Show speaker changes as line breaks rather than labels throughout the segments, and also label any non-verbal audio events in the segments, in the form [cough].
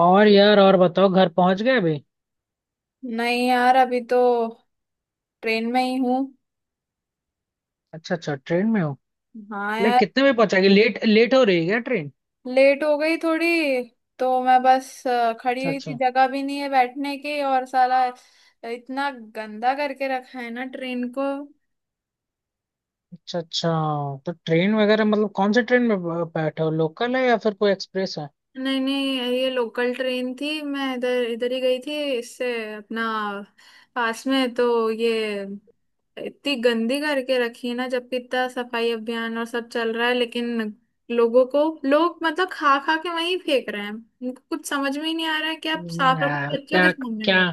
और यार और बताओ घर पहुंच गए अभी।
नहीं यार, अभी तो ट्रेन में ही हूँ।
अच्छा अच्छा, ट्रेन में हो।
हाँ
लाइक,
यार।
कितने बजे पहुंचाएगी? लेट लेट हो रही है क्या ट्रेन?
लेट हो गई थोड़ी, तो मैं बस खड़ी
अच्छा
हुई थी,
अच्छा।
जगह भी नहीं है बैठने की, और साला इतना गंदा करके रखा है ना ट्रेन को।
अच्छा अच्छा। तो ट्रेन वगैरह, मतलब कौन से ट्रेन में बैठे हो? लोकल है या फिर कोई एक्सप्रेस है?
नहीं नहीं, ये लोकल ट्रेन थी, मैं इधर इधर ही गई थी इससे, अपना पास में तो, ये इतनी गंदी करके रखी है ना, जबकि इतना सफाई अभियान और सब चल रहा है, लेकिन लोगों को, लोग मतलब खा खा के वहीं फेंक रहे हैं, उनको कुछ समझ में ही नहीं आ रहा है कि आप साफ रखो
यार
बच्चों के
क्या!
सामने
क्या!
कर।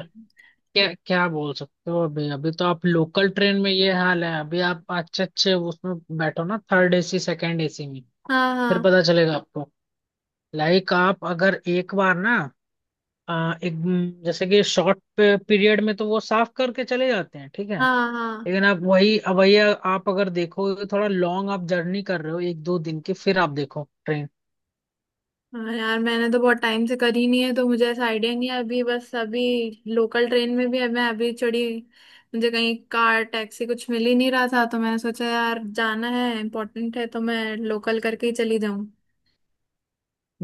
क्या क्या बोल सकते हो? अभी अभी तो आप लोकल ट्रेन में, ये हाल है। अभी आप अच्छे अच्छे उसमें बैठो ना, थर्ड एसी सेकंड एसी में।
हाँ,
फिर
हाँ,
पता चलेगा आपको। लाइक, आप अगर एक बार ना, एक, जैसे कि शॉर्ट पीरियड में, तो वो साफ करके चले जाते हैं, ठीक है।
हाँ, हाँ।
लेकिन आप वही, अब वही आप अगर देखो, थोड़ा लॉन्ग आप जर्नी कर रहे हो, एक दो दिन की, फिर आप देखो ट्रेन।
हाँ यार, मैंने तो बहुत टाइम से करी नहीं है तो मुझे ऐसा आइडिया नहीं है, अभी बस, अभी लोकल ट्रेन में भी मैं अभी चढ़ी। मुझे कहीं कार, टैक्सी कुछ मिल ही नहीं रहा था, तो मैंने सोचा यार जाना है, इम्पोर्टेंट है, तो मैं लोकल करके ही चली जाऊं।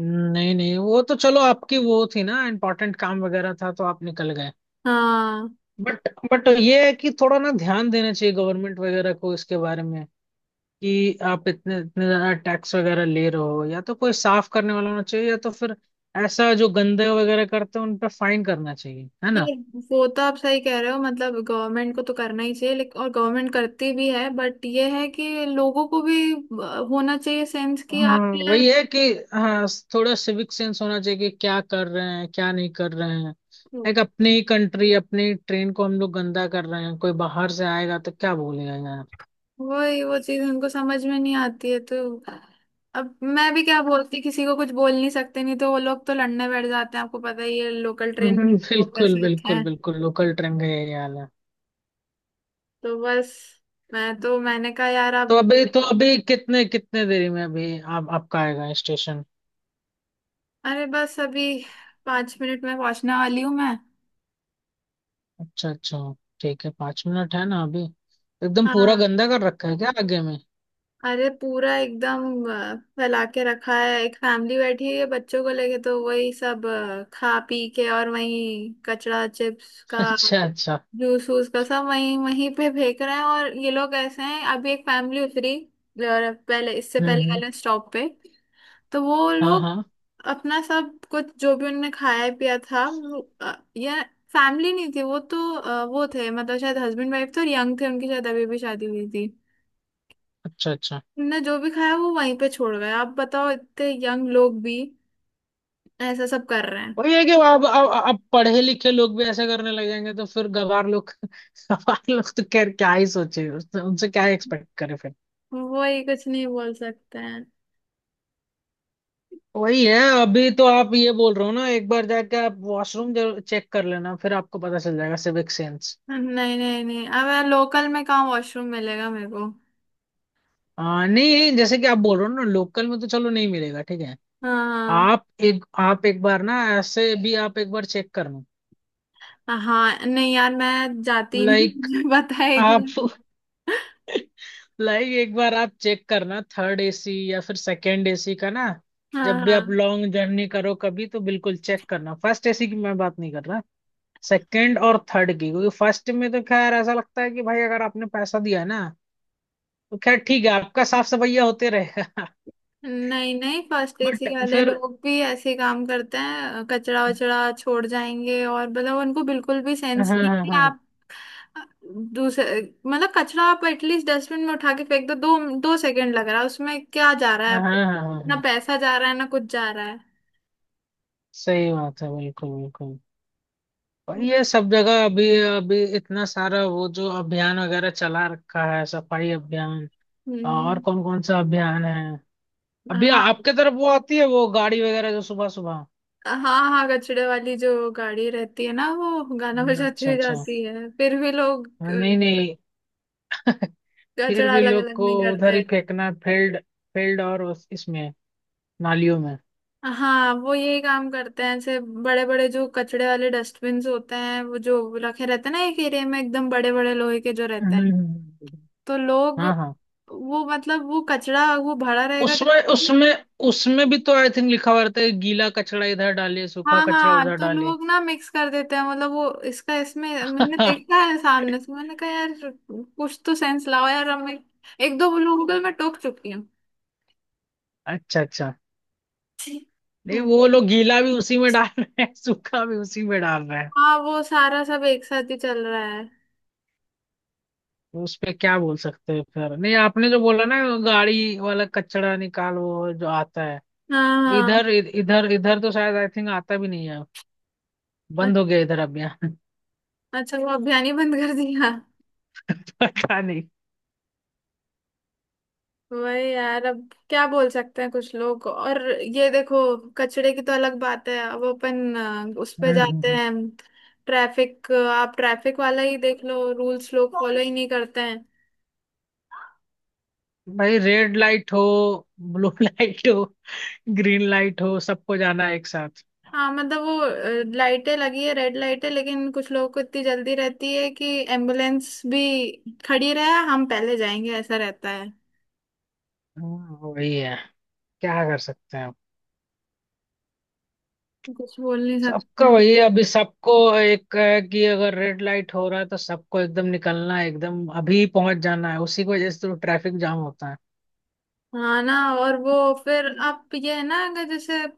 नहीं नहीं, वो तो चलो, आपकी वो थी ना, इम्पोर्टेंट काम वगैरह था तो आप निकल गए।
हाँ।
बट ये है कि थोड़ा ना ध्यान देना चाहिए, गवर्नमेंट वगैरह को इसके बारे में। कि आप इतने इतने ज्यादा टैक्स वगैरह ले रहे हो, या तो कोई साफ करने वाला होना चाहिए, या तो फिर ऐसा जो गंदे वगैरह करते हैं उन पर फाइन करना चाहिए, है ना।
ये, वो तो आप सही कह रहे हो, मतलब गवर्नमेंट को तो करना ही चाहिए, लेकिन, और गवर्नमेंट करती भी है, बट ये है कि लोगों को भी होना चाहिए सेंस, कि आप
हाँ
यार,
वही है कि, हाँ, थोड़ा सिविक सेंस होना चाहिए कि क्या कर रहे हैं क्या नहीं कर रहे हैं। लाइक, अपनी ही कंट्री, अपनी ट्रेन को हम लोग गंदा कर रहे हैं, कोई बाहर से आएगा तो क्या बोलेगा यार।
वही, वो चीज उनको समझ में नहीं आती है, तो अब मैं भी क्या बोलती, किसी को कुछ बोल नहीं सकते, नहीं तो वो लोग तो लड़ने बैठ जाते हैं, आपको पता ही है लोकल
[laughs]
ट्रेन लोग
बिल्कुल
कैसे होते
बिल्कुल
हैं।
बिल्कुल, लोकल ट्रेन का यही हाल है।
तो बस, मैं तो, मैंने कहा यार अब,
तो अभी कितने कितने देरी में अभी आप आपका आएगा स्टेशन?
अरे बस अभी पांच मिनट में पहुंचने वाली हूँ मैं।
अच्छा अच्छा। ठीक है, 5 मिनट है ना अभी। एकदम
हाँ।
पूरा गंदा कर रखा है क्या आगे में?
अरे पूरा एकदम फैला के रखा है, एक फैमिली बैठी है बच्चों को लेके, तो वही सब खा पी के, और वही कचड़ा चिप्स
[laughs]
का,
अच्छा अच्छा।
जूस वूस का सब वहीं वहीं पे फेंक रहे हैं, और ये लोग ऐसे हैं। अभी एक फैमिली उतरी, और पहले, इससे
हम्म
पहले
हम्म,
वाले स्टॉप पे, तो वो
हाँ
लोग
हाँ।
अपना सब कुछ जो भी उनने खाया पिया था, वो, या, फैमिली नहीं थी वो तो, वो थे मतलब शायद हस्बैंड वाइफ थे, और यंग थे, उनकी शायद अभी भी शादी हुई थी।
अच्छा अच्छा।
उनने जो भी खाया वो वहीं पे छोड़ गए। आप बताओ, इतने यंग लोग भी ऐसा सब कर रहे हैं।
वही है कि, अब पढ़े लिखे लोग भी ऐसे करने लग जाएंगे तो फिर गवार लोग [laughs] गवार लोग तो खैर क्या ही सोचे, उनसे क्या एक्सपेक्ट करें फिर।
वही, कुछ नहीं बोल सकते हैं।
वही है। अभी तो आप ये बोल रहे हो ना, एक बार जाके आप वॉशरूम जरूर चेक कर लेना, फिर आपको पता चल जाएगा सिविक सेंस।
नहीं, नहीं, नहीं, अब लोकल में कहाँ वॉशरूम मिलेगा मेरे को।
नहीं, जैसे कि आप बोल रहे हो ना लोकल में, तो चलो नहीं मिलेगा ठीक है।
हाँ,
आप एक, आप एक बार ना, ऐसे भी आप एक बार चेक करना।
हाँ, हाँ, नहीं यार मैं जाती ही नहीं
लाइक
[laughs] मुझे पता है एक बार।
आप [laughs] लाइक, एक बार आप चेक करना थर्ड एसी या फिर सेकंड एसी का ना।
हाँ,
जब भी
हाँ।
आप लॉन्ग जर्नी करो कभी तो बिल्कुल चेक करना। फर्स्ट एसी की मैं बात नहीं कर रहा, सेकंड और थर्ड की। क्योंकि फर्स्ट में तो खैर ऐसा लगता है कि भाई, अगर आपने पैसा दिया ना तो खैर ठीक है, आपका साफ सफाइया होते रहेगा।
नहीं नहीं, फर्स्ट
[laughs]
एसी
बट
वाले
फिर,
लोग भी ऐसे ही काम करते हैं, कचरा वचड़ा छोड़ जाएंगे, और मतलब उनको बिल्कुल भी
हाँ
सेंस
हाँ
नहीं
हाँ
है।
हाँ
आप दूसरे, मतलब कचरा आप एटलीस्ट डस्टबिन में उठा के फेंक दो, दो सेकंड लग रहा है उसमें, क्या जा रहा
हाँ
है,
हाँ हाँ, हाँ,
ना
हाँ,
पैसा जा रहा है ना कुछ जा रहा है।
सही बात है, बिल्कुल बिल्कुल। और ये
बस।
सब जगह अभी अभी इतना सारा वो जो अभियान वगैरह चला रखा है, सफाई अभियान। और
हम्म।
कौन कौन सा अभियान है? अभी
हाँ,
आपके तरफ वो आती है वो गाड़ी वगैरह जो सुबह सुबह?
हाँ, हाँ, कचड़े वाली जो गाड़ी रहती है ना, वो गाना बजाती
अच्छा
हुई
अच्छा।
जाती है, फिर भी लोग
हाँ, नहीं नहीं। फिर
कचड़ा
भी
अलग
लोग
अलग
को
नहीं
उधर ही
करते।
फेंकना है, फील्ड फील्ड और इसमें, नालियों में।
हाँ, वो यही काम करते हैं, ऐसे बड़े बड़े जो कचड़े वाले डस्टबिन होते हैं, वो जो रखे रहते हैं ना एक एरिया में, एकदम बड़े बड़े लोहे के जो रहते हैं,
हम्म।
तो लोग,
हाँ हाँ।
वो मतलब, वो कचड़ा वो भरा रहेगा।
उसमें उसमें उसमें भी तो आई थिंक लिखा हुआ रहता है, गीला कचरा इधर डालिए, सूखा
हाँ
कचरा
हाँ,
उधर
तो
डालिए।
लोग ना मिक्स कर देते हैं, मतलब वो इसका इसमें, मैंने देखा
[laughs]
है सामने से। मैंने कहा यार कुछ तो सेंस लाओ यार, अब मैं एक दो लोगों को मैं टोक चुकी हूँ।
अच्छा अच्छा। नहीं,
हम्म,
वो लोग गीला भी उसी में डाल रहे हैं, सूखा भी उसी में डाल रहे हैं।
हाँ, वो सारा सब एक साथ ही चल रहा है।
उस पे क्या बोल सकते हैं फिर। नहीं, आपने जो बोला ना, गाड़ी वाला कचड़ा निकाल वो जो आता है,
हाँ
इधर
हाँ।
इधर इधर तो शायद आई थिंक आता भी नहीं है,
अ-
बंद हो गया इधर, अब यहाँ। [laughs]
अच्छा, वो अभियान ही बंद कर दिया।
पता नहीं।
वही यार, अब क्या बोल सकते हैं कुछ लोग। और ये देखो, कचड़े की तो अलग बात है, अब अपन उस पे जाते
हम्म।
हैं, ट्रैफिक, आप ट्रैफिक वाला ही देख लो, रूल्स लोग फॉलो ही नहीं करते हैं।
भाई रेड लाइट हो, ब्लू लाइट [laughs] हो, ग्रीन लाइट हो, सबको जाना है एक साथ।
हाँ मतलब वो लाइटें लगी है, रेड लाइटें, लेकिन कुछ लोगों को इतनी जल्दी रहती है कि एम्बुलेंस भी खड़ी रहे, हम पहले जाएंगे, ऐसा रहता है।
हाँ, वही है। क्या कर सकते हैं अब।
कुछ बोल नहीं
सबका
सकते।
वही है, अभी सबको एक है कि अगर रेड लाइट हो रहा है तो सबको एकदम निकलना है, एकदम अभी पहुंच जाना है, उसी की वजह से तो ट्रैफिक जाम होता है।
हाँ ना। और वो फिर, आप ये है ना, अगर जैसे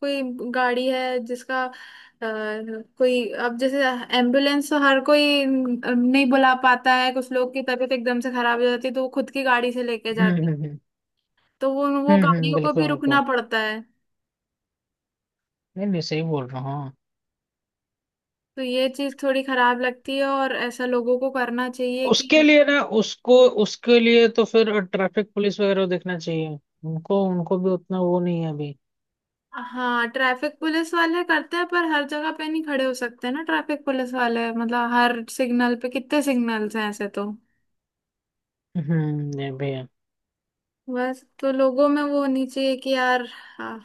कोई गाड़ी है, जिसका कोई, अब जैसे एम्बुलेंस तो हर कोई नहीं बुला पाता है, कुछ लोग की तबीयत एकदम से खराब हो जाती है तो वो खुद की गाड़ी से लेके जाते हैं।
हम्म
तो वो
हम्म,
गाड़ियों को भी
बिल्कुल
रुकना
बिल्कुल।
पड़ता है।
नहीं नहीं सही बोल रहा हूँ, हाँ।
तो ये चीज थोड़ी खराब लगती है, और ऐसा लोगों को करना चाहिए
उसके
कि,
लिए ना उसको, उसके लिए तो फिर ट्रैफिक पुलिस वगैरह को देखना चाहिए। उनको उनको भी उतना वो नहीं है अभी।
हाँ, ट्रैफिक पुलिस वाले करते हैं, पर हर जगह पे नहीं खड़े हो सकते ना ट्रैफिक पुलिस वाले, मतलब हर सिग्नल पे, कितने सिग्नल्स हैं ऐसे तो।
हम्म, ये भी है।
बस तो लोगों में वो होनी चाहिए कि यार, हाँ,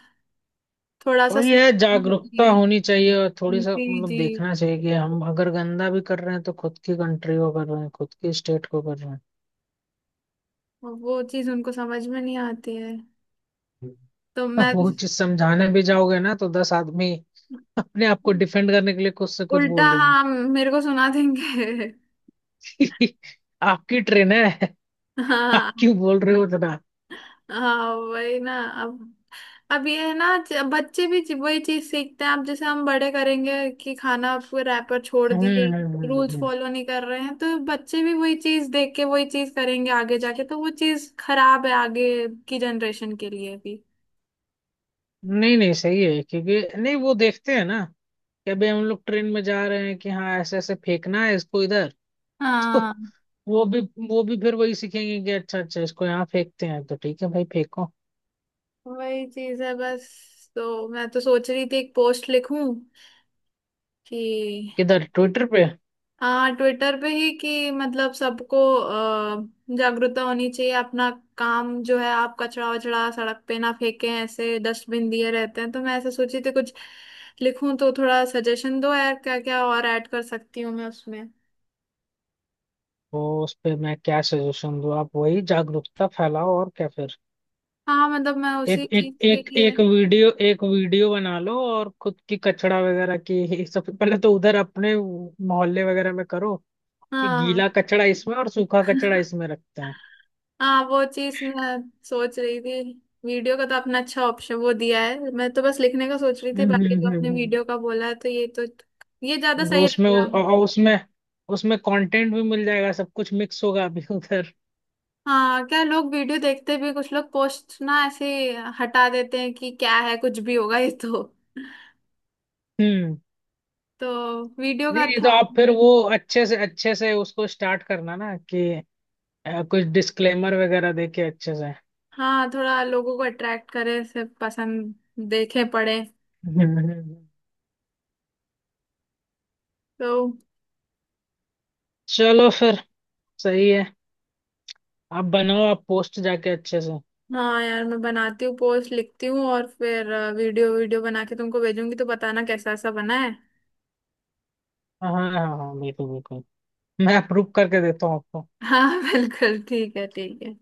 थोड़ा
और
सा सही
ये
होना
जागरूकता
चाहिए।
होनी चाहिए, और थोड़ी सा
जी
मतलब
जी,
देखना चाहिए कि हम अगर गंदा भी कर रहे हैं तो खुद की कंट्री को कर रहे हैं, खुद की स्टेट को कर रहे हैं।
वो चीज उनको समझ में नहीं आती है, तो मैं,
वो चीज समझाने भी जाओगे ना, तो 10 आदमी अपने आप को डिफेंड करने के लिए कुछ से कुछ
उल्टा,
बोल
हाँ, मेरे को सुना देंगे।
देंगे। [laughs] आपकी ट्रेन है,
[laughs]
आप
हाँ
क्यों बोल रहे हो इतना।
हाँ, वही ना। अब अब ये है ना, बच्चे भी वही चीज सीखते हैं, अब जैसे हम बड़े करेंगे कि खाना आपको, रैपर छोड़ दिए, रूल्स
हम्म।
फॉलो नहीं कर रहे हैं, तो बच्चे भी वही चीज देख के वही चीज करेंगे आगे जाके, तो वो चीज खराब है आगे की जनरेशन के लिए भी।
नहीं नहीं सही है क्योंकि, नहीं, वो देखते हैं ना कि अभी हम लोग ट्रेन में जा रहे हैं, कि हाँ, ऐसे ऐसे फेंकना है इसको इधर। [laughs] तो
हाँ,
वो भी वो भी फिर वही सीखेंगे कि अच्छा अच्छा इसको यहाँ फेंकते हैं तो ठीक है भाई फेंको।
वही चीज है। बस तो मैं तो सोच रही थी एक पोस्ट लिखूं कि,
किधर, ट्विटर पे?
हाँ ट्विटर पे ही, कि मतलब सबको जागरूकता होनी चाहिए, अपना काम जो है आप, कचरा वचड़ा सड़क पे ना फेंकें, ऐसे डस्टबिन दिए रहते हैं, तो मैं ऐसे सोची थी कुछ लिखूं, तो थोड़ा सजेशन दो यार, क्या क्या और ऐड कर सकती हूँ मैं उसमें।
तो उस पे मैं क्या सजेशन दूँ, आप वही जागरूकता फैलाओ और क्या फिर।
हाँ, मतलब मैं
एक
उसी
एक
चीज के
एक
लिए,
एक वीडियो बना लो और खुद की कचड़ा वगैरह की। [laughs] सबसे पहले तो उधर अपने मोहल्ले वगैरह में करो कि
हाँ
गीला कचड़ा इसमें और सूखा कचड़ा इसमें रखते हैं।
हाँ, वो चीज मैं सोच रही थी। वीडियो का तो आपने अच्छा ऑप्शन वो दिया है, मैं तो बस लिखने का सोच रही थी, बाकी जो आपने
हम्म।
वीडियो का बोला है तो ये तो, ये ज्यादा
वो
सही
उसमें
रहेगा।
और उसमें उसमें कंटेंट भी मिल जाएगा, सब कुछ मिक्स होगा अभी उधर।
हाँ, क्या लोग वीडियो देखते भी, कुछ लोग पोस्ट ना ऐसे ही हटा देते हैं कि क्या है, कुछ भी होगा ये तो
हम्म।
तो वीडियो का
नहीं नहीं, तो
अच्छा
आप फिर
है।
वो अच्छे से, अच्छे से उसको स्टार्ट करना ना कि कुछ डिस्क्लेमर वगैरह देके अच्छे से।
हाँ, थोड़ा लोगों को अट्रैक्ट करे ऐसे, पसंद देखे पड़े
हम्म हम्म, हम्म।
तो,
चलो फिर, सही है, आप बनाओ, आप पोस्ट जाके अच्छे से।
हाँ यार मैं बनाती हूँ पोस्ट, लिखती हूँ, और फिर वीडियो वीडियो बना के तुमको भेजूंगी तो बताना कैसा सा बना है।
हाँ हाँ हाँ हाँ, बिल्कुल बिल्कुल, मैं अप्रूव करके देता हूँ आपको।
हाँ [laughs] बिल्कुल ठीक है, ठीक है।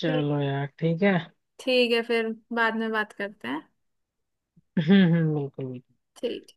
ठीक।
यार ठीक है।
ठीक है, फिर बाद में बात करते हैं।
हम्म, बिल्कुल बिल्कुल।
ठीक।